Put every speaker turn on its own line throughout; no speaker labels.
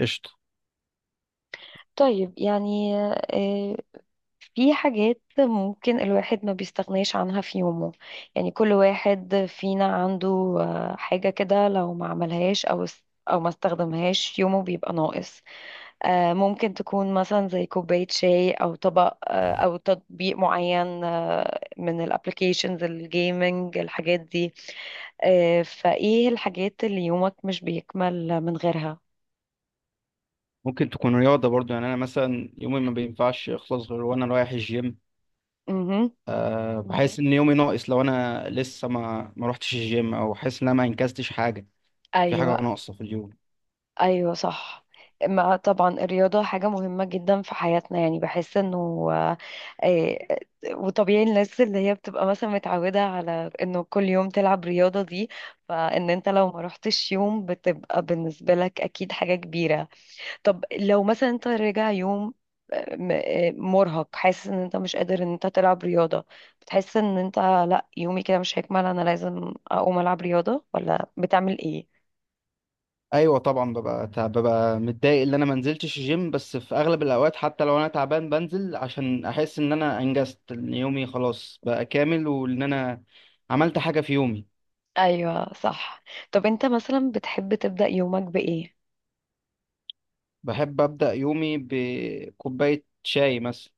قشطة.
طيب يعني آه، في حاجات ممكن الواحد ما بيستغناش عنها في يومه. يعني كل واحد فينا عنده حاجة كده لو ما عملهاش أو ما استخدمهاش يومه بيبقى ناقص. ممكن تكون مثلا زي كوباية شاي أو طبق، أو تطبيق معين، من الابليكيشنز الجيمنج الحاجات دي. فإيه الحاجات اللي يومك مش بيكمل من غيرها؟
ممكن تكون رياضة برضو. يعني أنا مثلا يومي ما بينفعش يخلص غير وأنا رايح الجيم.
مهم.
أه، بحس إن يومي ناقص لو أنا لسه ما روحتش الجيم، أو حاسس إن أنا ما أنجزتش حاجة، في
أيوه.
حاجة ناقصة في اليوم.
ايوه صح. ما طبعا الرياضة حاجة مهمة جدا في حياتنا، يعني بحس انه آه، وطبيعي الناس اللي هي بتبقى مثلا متعودة على انه كل يوم تلعب رياضة دي، فان انت لو ما رحتش يوم بتبقى بالنسبة لك اكيد حاجة كبيرة. طب لو مثلا انت راجع يوم مرهق، حاسس ان انت مش قادر ان انت تلعب رياضة، بتحس ان انت لا يومي كده مش هيكمل انا لازم اقوم العب رياضة، ولا بتعمل ايه؟
أيوة طبعا، ببقى تعب، ببقى متضايق إن أنا ما نزلتش الجيم، بس في أغلب الأوقات حتى لو أنا تعبان بنزل عشان أحس إن أنا أنجزت، إن يومي خلاص بقى كامل، وإن أنا عملت حاجة في يومي.
ايوه صح. طب انت مثلا بتحب تبدأ يومك بإيه؟
بحب أبدأ يومي بكوباية شاي مثلا،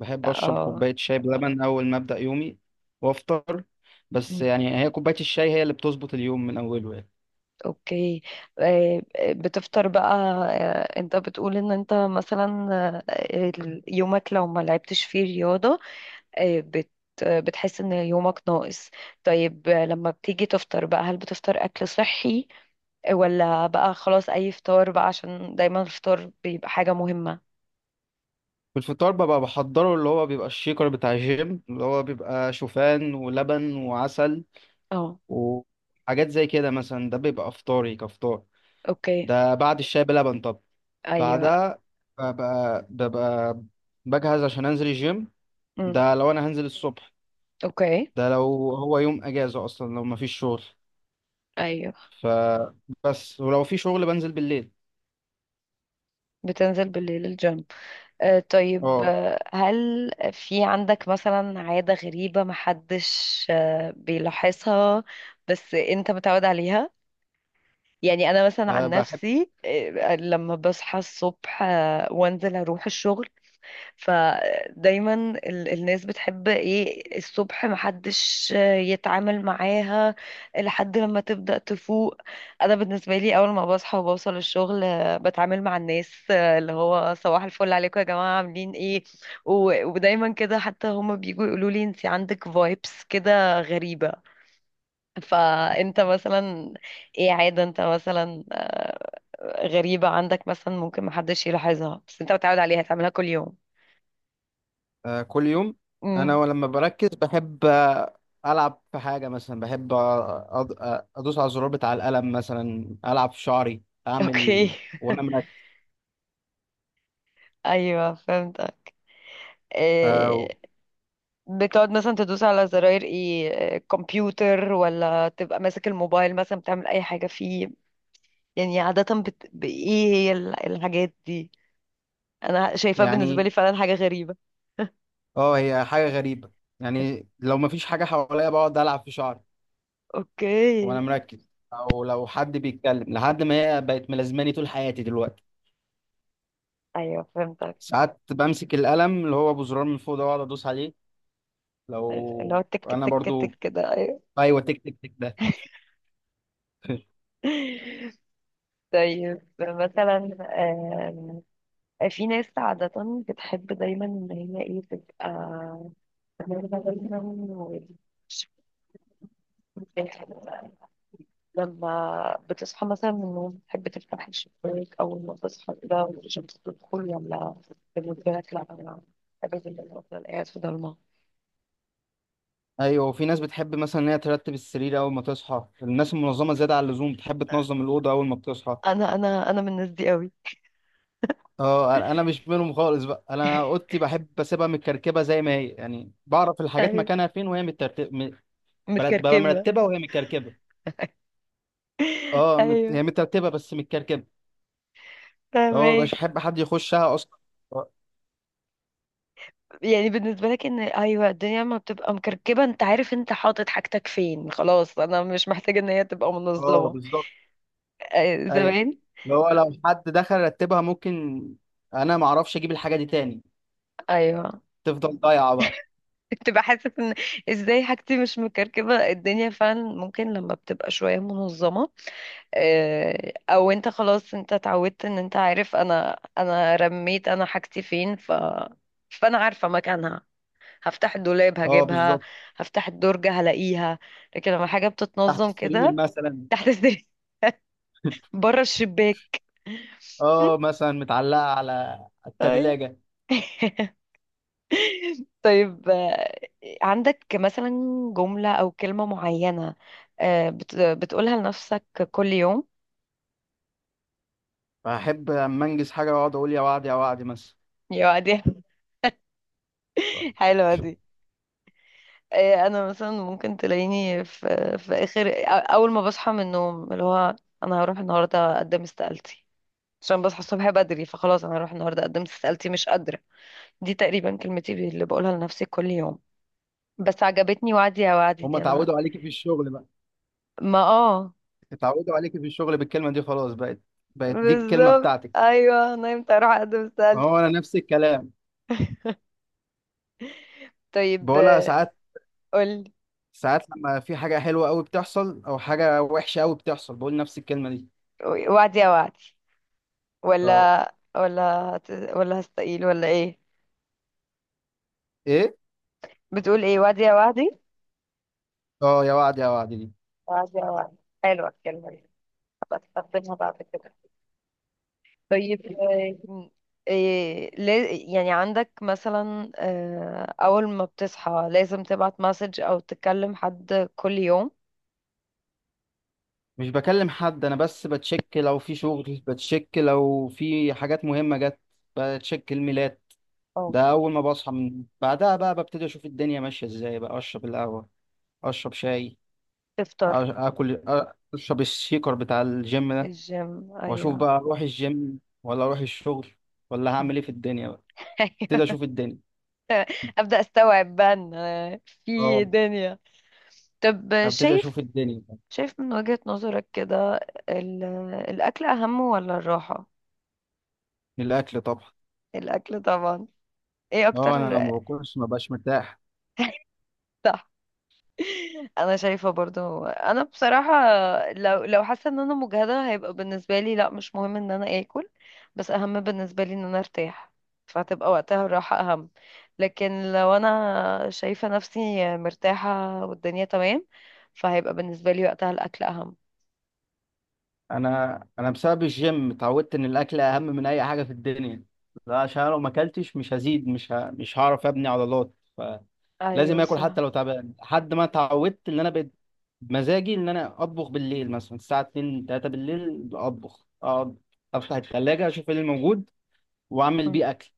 بحب اشرب
اه.
كوبايه شاي بلبن اول ما ابدا يومي، وافطر. بس
أمم،
يعني هي كوبايه الشاي هي اللي بتظبط اليوم من اوله يعني.
اوكي. آه، بتفطر بقى. انت بتقول ان انت مثلا، يومك لو ما لعبتش فيه رياضة، آه، بت بتحس ان يومك ناقص. طيب، لما بتيجي تفطر بقى هل بتفطر اكل صحي ولا بقى خلاص اي فطار بقى، عشان دايما الفطار بيبقى حاجة مهمة.
في الفطار ببقى بحضره، اللي هو بيبقى الشيكر بتاع الجيم، اللي هو بيبقى شوفان ولبن وعسل
اه.
وحاجات زي كده. مثلا ده بيبقى افطاري كفطار،
اوكي.
ده بعد الشاي بلبن. طب
ايوه.
بعدها ببقى بجهز عشان انزل الجيم.
أمم،
ده لو انا هنزل الصبح،
اوكي.
ده لو هو يوم اجازه، اصلا لو مفيش شغل.
ايوه.
ف بس ولو في شغل بنزل بالليل.
بتنزل بالليل الجيم. آه طيب،
اه،
آه هل في عندك مثلا عادة غريبة محدش بيلاحظها بس انت متعود عليها؟ يعني انا مثلا عن
بحب.
نفسي، آه لما بصحى الصبح آه وانزل اروح الشغل، فدايما الناس بتحب ايه الصبح محدش يتعامل معاها لحد لما تبدأ تفوق. انا بالنسبة لي اول ما بصحى وبوصل الشغل بتعامل مع الناس، اللي هو صباح الفل عليكم يا جماعة عاملين ايه. و- ودايما كده، حتى هما بيجوا يقولوا لي انت عندك فايبس كده غريبة. فانت مثلا ايه عادة انت مثلا غريبة عندك، مثلا ممكن محدش يلاحظها بس انت متعود عليها تعملها كل يوم.
كل يوم. انا
امم.
ولما بركز بحب العب في حاجه. مثلا بحب ادوس على الزرار بتاع القلم، مثلا العب في شعري،
اوكي.
اعمل وانا مركز.
ايوه فهمت.
آه،
إيه بتقعد مثلا تدوس على زراير ايه، كمبيوتر ولا تبقى ماسك الموبايل مثلا بتعمل اي حاجة فيه؟ يعني عادة بايه هي الحاجات دي، انا شايفاه بالنسبة
يعني
لي فعلا حاجة غريبة.
اه هي حاجه غريبه. يعني لو مفيش حاجه حواليا بقعد العب في شعري وانا
اوكي.
مركز، او لو حد بيتكلم، لحد ما هي بقت ملازماني طول حياتي دلوقتي.
ايوه فهمتك.
ساعات بمسك القلم اللي هو ابو زرار من فوق ده واقعد ادوس عليه.
اللي هو
لو
تك
انا
تك
برضو.
تك ده، ايوه.
ايوه، تك تك تك ده.
طيب مثلا، آم، في ناس عادة بتحب دايما ان هي ايه تبقى، لما بتصحى مثلا من النوم بتحب تفتح الشباك أول ما تصحى كده والشمس تدخل، ولا بالنسبة لك لأ؟ أنا بحب جدا أفضل قاعد في ضلمة.
ايوه، وفي ناس بتحب مثلا ان هي ترتب السرير اول ما تصحى، الناس المنظمه زياده عن اللزوم بتحب تنظم الاوضه اول ما بتصحى.
أنا من الناس دي قوي.
اه، أنا مش منهم خالص بقى. انا اوضتي بحب اسيبها متكركبه زي ما هي، يعني بعرف الحاجات
أيوة،
مكانها فين وهي ببقى
متكركبة.
مرتبه وهي متكركبه. اه،
أيوة
هي مترتبه بس متكركبه. اه، مبقاش
فاهمك.
احب حد يخشها اصلا. اه،
يعني بالنسبة لك إن أيوة الدنيا ما بتبقى مكركبة، أنت عارف أنت حاطط حاجتك فين، خلاص أنا مش محتاجة إن هي تبقى منظمة.
بالظبط.
آه،
ايوه،
زمان.
اللي هو لو حد دخل رتبها ممكن انا ما اعرفش اجيب الحاجه دي تاني،
أيوة.
تفضل ضايعه بقى.
بتبقى حاسة ان ازاي حاجتي مش مكركبة؟ الدنيا فعلا ممكن لما بتبقى شوية منظمة، او انت خلاص انت اتعودت ان انت عارف، انا رميت انا حاجتي فين، فانا عارفة مكانها، هفتح الدولاب
اه
هجيبها،
بالظبط.
هفتح الدرج هلاقيها. لكن لما حاجة
تحت
بتتنظم
السرير
كده
مثلا.
تحت السرير، بره الشباك.
اه مثلا متعلقة على
طيب.
التلاجة.
طيب، عندك مثلا جملة أو كلمة معينة، بتقولها لنفسك كل يوم؟
فأحب أما أنجز حاجة وأقعد أقول يا وعد يا وعد مثلا.
يا دي، حلوة دي. أنا مثلا ممكن تلاقيني في آخر، أول ما بصحى من النوم، اللي هو أنا هروح النهاردة أقدم استقالتي. عشان بصحى الصبح بدري فخلاص أنا هروح النهاردة أقدم استقالتي مش قادرة. دي تقريبا كلمتي اللي بقولها لنفسي كل يوم. بس عجبتني وعدي يا وعدي
هما
دي. أنا
اتعودوا عليكي في الشغل بقى،
ما
اتعودوا عليكي في الشغل بالكلمة دي، خلاص بقت دي الكلمة
بالظبط
بتاعتك.
أيوه، نمت أروح أقدم استقالتي.
هو أنا نفس الكلام
طيب،
بقولها ساعات،
قولي.
ساعات لما في حاجة حلوة أوي بتحصل أو حاجة وحشة أوي بتحصل بقول نفس الكلمة دي.
وعدي يا وعدي،
اه.
ولا ولا ولا هستقيل ولا ايه؟
إيه؟
بتقول ايه؟ وعدي يا وعدي.
اه، يا وعد يا وعد دي.
وعدي يا وعدي، حلوة الكلمة دي، هبقى استخدمها بعد كده. طيب، إيه يعني عندك مثلا، أول ما بتصحى لازم تبعت مسج أو تكلم حد كل يوم؟
مش بكلم حد أنا، بس بتشك لو في شغل، بتشك لو في حاجات مهمة جت، بتشك الميلاد
أو
ده اول ما بصحى. من بعدها بقى ببتدي اشوف الدنيا ماشيه ازاي، بقى اشرب القهوه، اشرب شاي، أ-
تفطر.
اكل، اشرب الشيكر بتاع الجيم ده،
الجيم
واشوف
أيوه.
بقى اروح الجيم ولا اروح الشغل، ولا هعمل ايه في الدنيا بقى. ابتدي
أيوه،
اشوف الدنيا.
أبدأ أستوعب بقى إن في
اه
دنيا. طب
ابتدي اشوف
شايف،
الدنيا.
شايف من وجهة نظرك كده، ال- الأكل أهم ولا الراحة؟
الاكل طبعا.
الأكل طبعا. ايه
اه
أكتر.
انا لو ما باكلش ما بقاش مرتاح.
صح. أنا شايفة برضو، أنا بصراحة لو لو حاسة إن أنا مجهدة هيبقى بالنسبة لي لأ مش مهم إن أنا آكل، بس أهم بالنسبة لي إن أنا أرتاح، فهتبقى وقتها الراحة أهم. لكن لو أنا شايفة نفسي مرتاحة والدنيا تمام، فهيبقى بالنسبة لي وقتها الأكل أهم.
انا بسبب الجيم اتعودت ان الاكل اهم من اي حاجه في الدنيا، لا عشان أنا لو ما اكلتش مش هزيد، مش هعرف ابني عضلات. لازم
أيوة
اكل
صح.
حتى لو تعبان، لحد ما اتعودت ان انا بقيت مزاجي ان انا اطبخ بالليل، مثلا الساعه 2 3 بالليل، اطبخ، اقعد افتح الثلاجه اشوف ايه اللي موجود واعمل
م.
بيه اكل.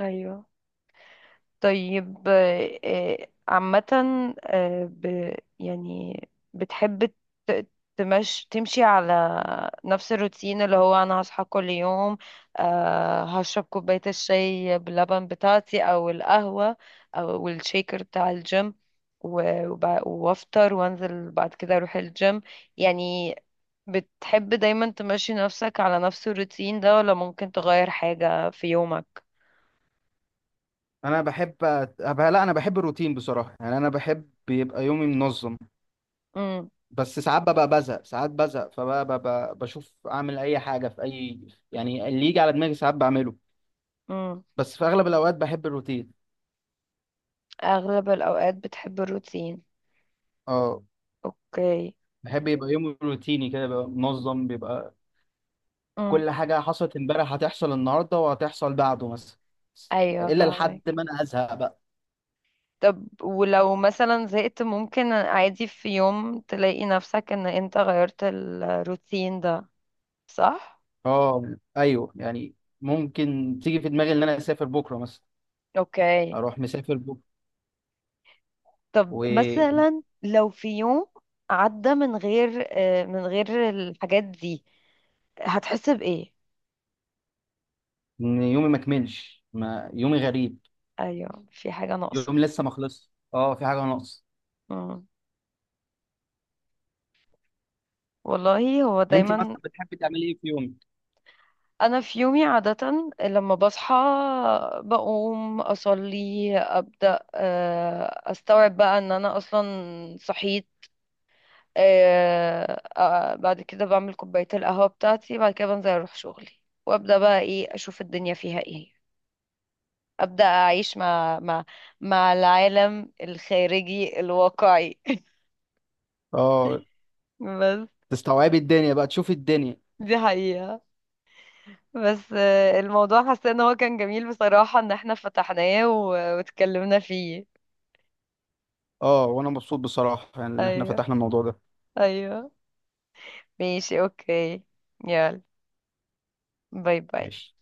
أيوة. طيب، عامة، يعني بتحب ت- تمشي على نفس الروتين، اللي هو أنا هصحى كل يوم، هشرب كوباية الشاي باللبن بتاعتي أو القهوة أو الشيكر بتاع الجيم، و- وب- وأفطر وأنزل بعد كده أروح الجيم. يعني بتحب دايما تمشي نفسك على نفس الروتين ده، ولا ممكن تغير حاجة في يومك؟
انا بحب أت- أبقى لا انا بحب الروتين بصراحه، يعني انا بحب يبقى يومي منظم. بس ساعات ببقى بزهق، ساعات بزهق فبقى ببقى بشوف اعمل اي حاجه في اي، يعني اللي يجي على دماغي ساعات بعمله.
مم.
بس في اغلب الاوقات بحب الروتين.
اغلب الاوقات بتحب الروتين.
اه،
اوكي.
بحب يبقى يومي روتيني كده، بيبقى منظم، بيبقى
امم.
كل حاجة حصلت امبارح هتحصل النهاردة وهتحصل بعده مثلا،
ايوه
إلا
فاهمك.
لحد ما أنا أزهق بقى.
طب ولو مثلا زهقت، ممكن عادي في يوم تلاقي نفسك ان انت غيرت الروتين ده. صح.
اه أيوه يعني ممكن تيجي في دماغي إن أنا أسافر بكرة مثلا،
اوكي.
أروح مسافر بكرة،
طب
وإن
مثلا لو في يوم عدى من غير، من غير الحاجات دي، هتحس بايه؟
يومي ما كملش، ما يومي غريب،
ايوه في حاجة ناقصة.
يومي لسه ما خلصش، اه في حاجة ناقص.
مم. والله هو
أنت
دايما.
مثلا بتحبي تعملي إيه في يومك؟
انا في يومي عادة لما بصحى بقوم اصلي ابدا، استوعب بقى ان انا اصلا صحيت، بعد كده بعمل كوباية القهوة بتاعتي، بعد كده بنزل اروح شغلي، وابدا بقى ايه اشوف الدنيا فيها ايه، ابدا اعيش مع مع العالم الخارجي الواقعي.
اه،
بس
تستوعبي الدنيا بقى، تشوفي الدنيا.
دي حقيقة. بس الموضوع حاسة ان هو كان جميل بصراحة ان احنا فتحناه واتكلمنا فيه.
اه وأنا مبسوط بصراحة، يعني إن إحنا
ايوه.
فتحنا الموضوع ده.
ايوه. ماشي اوكي. يلا، باي باي.
ماشي.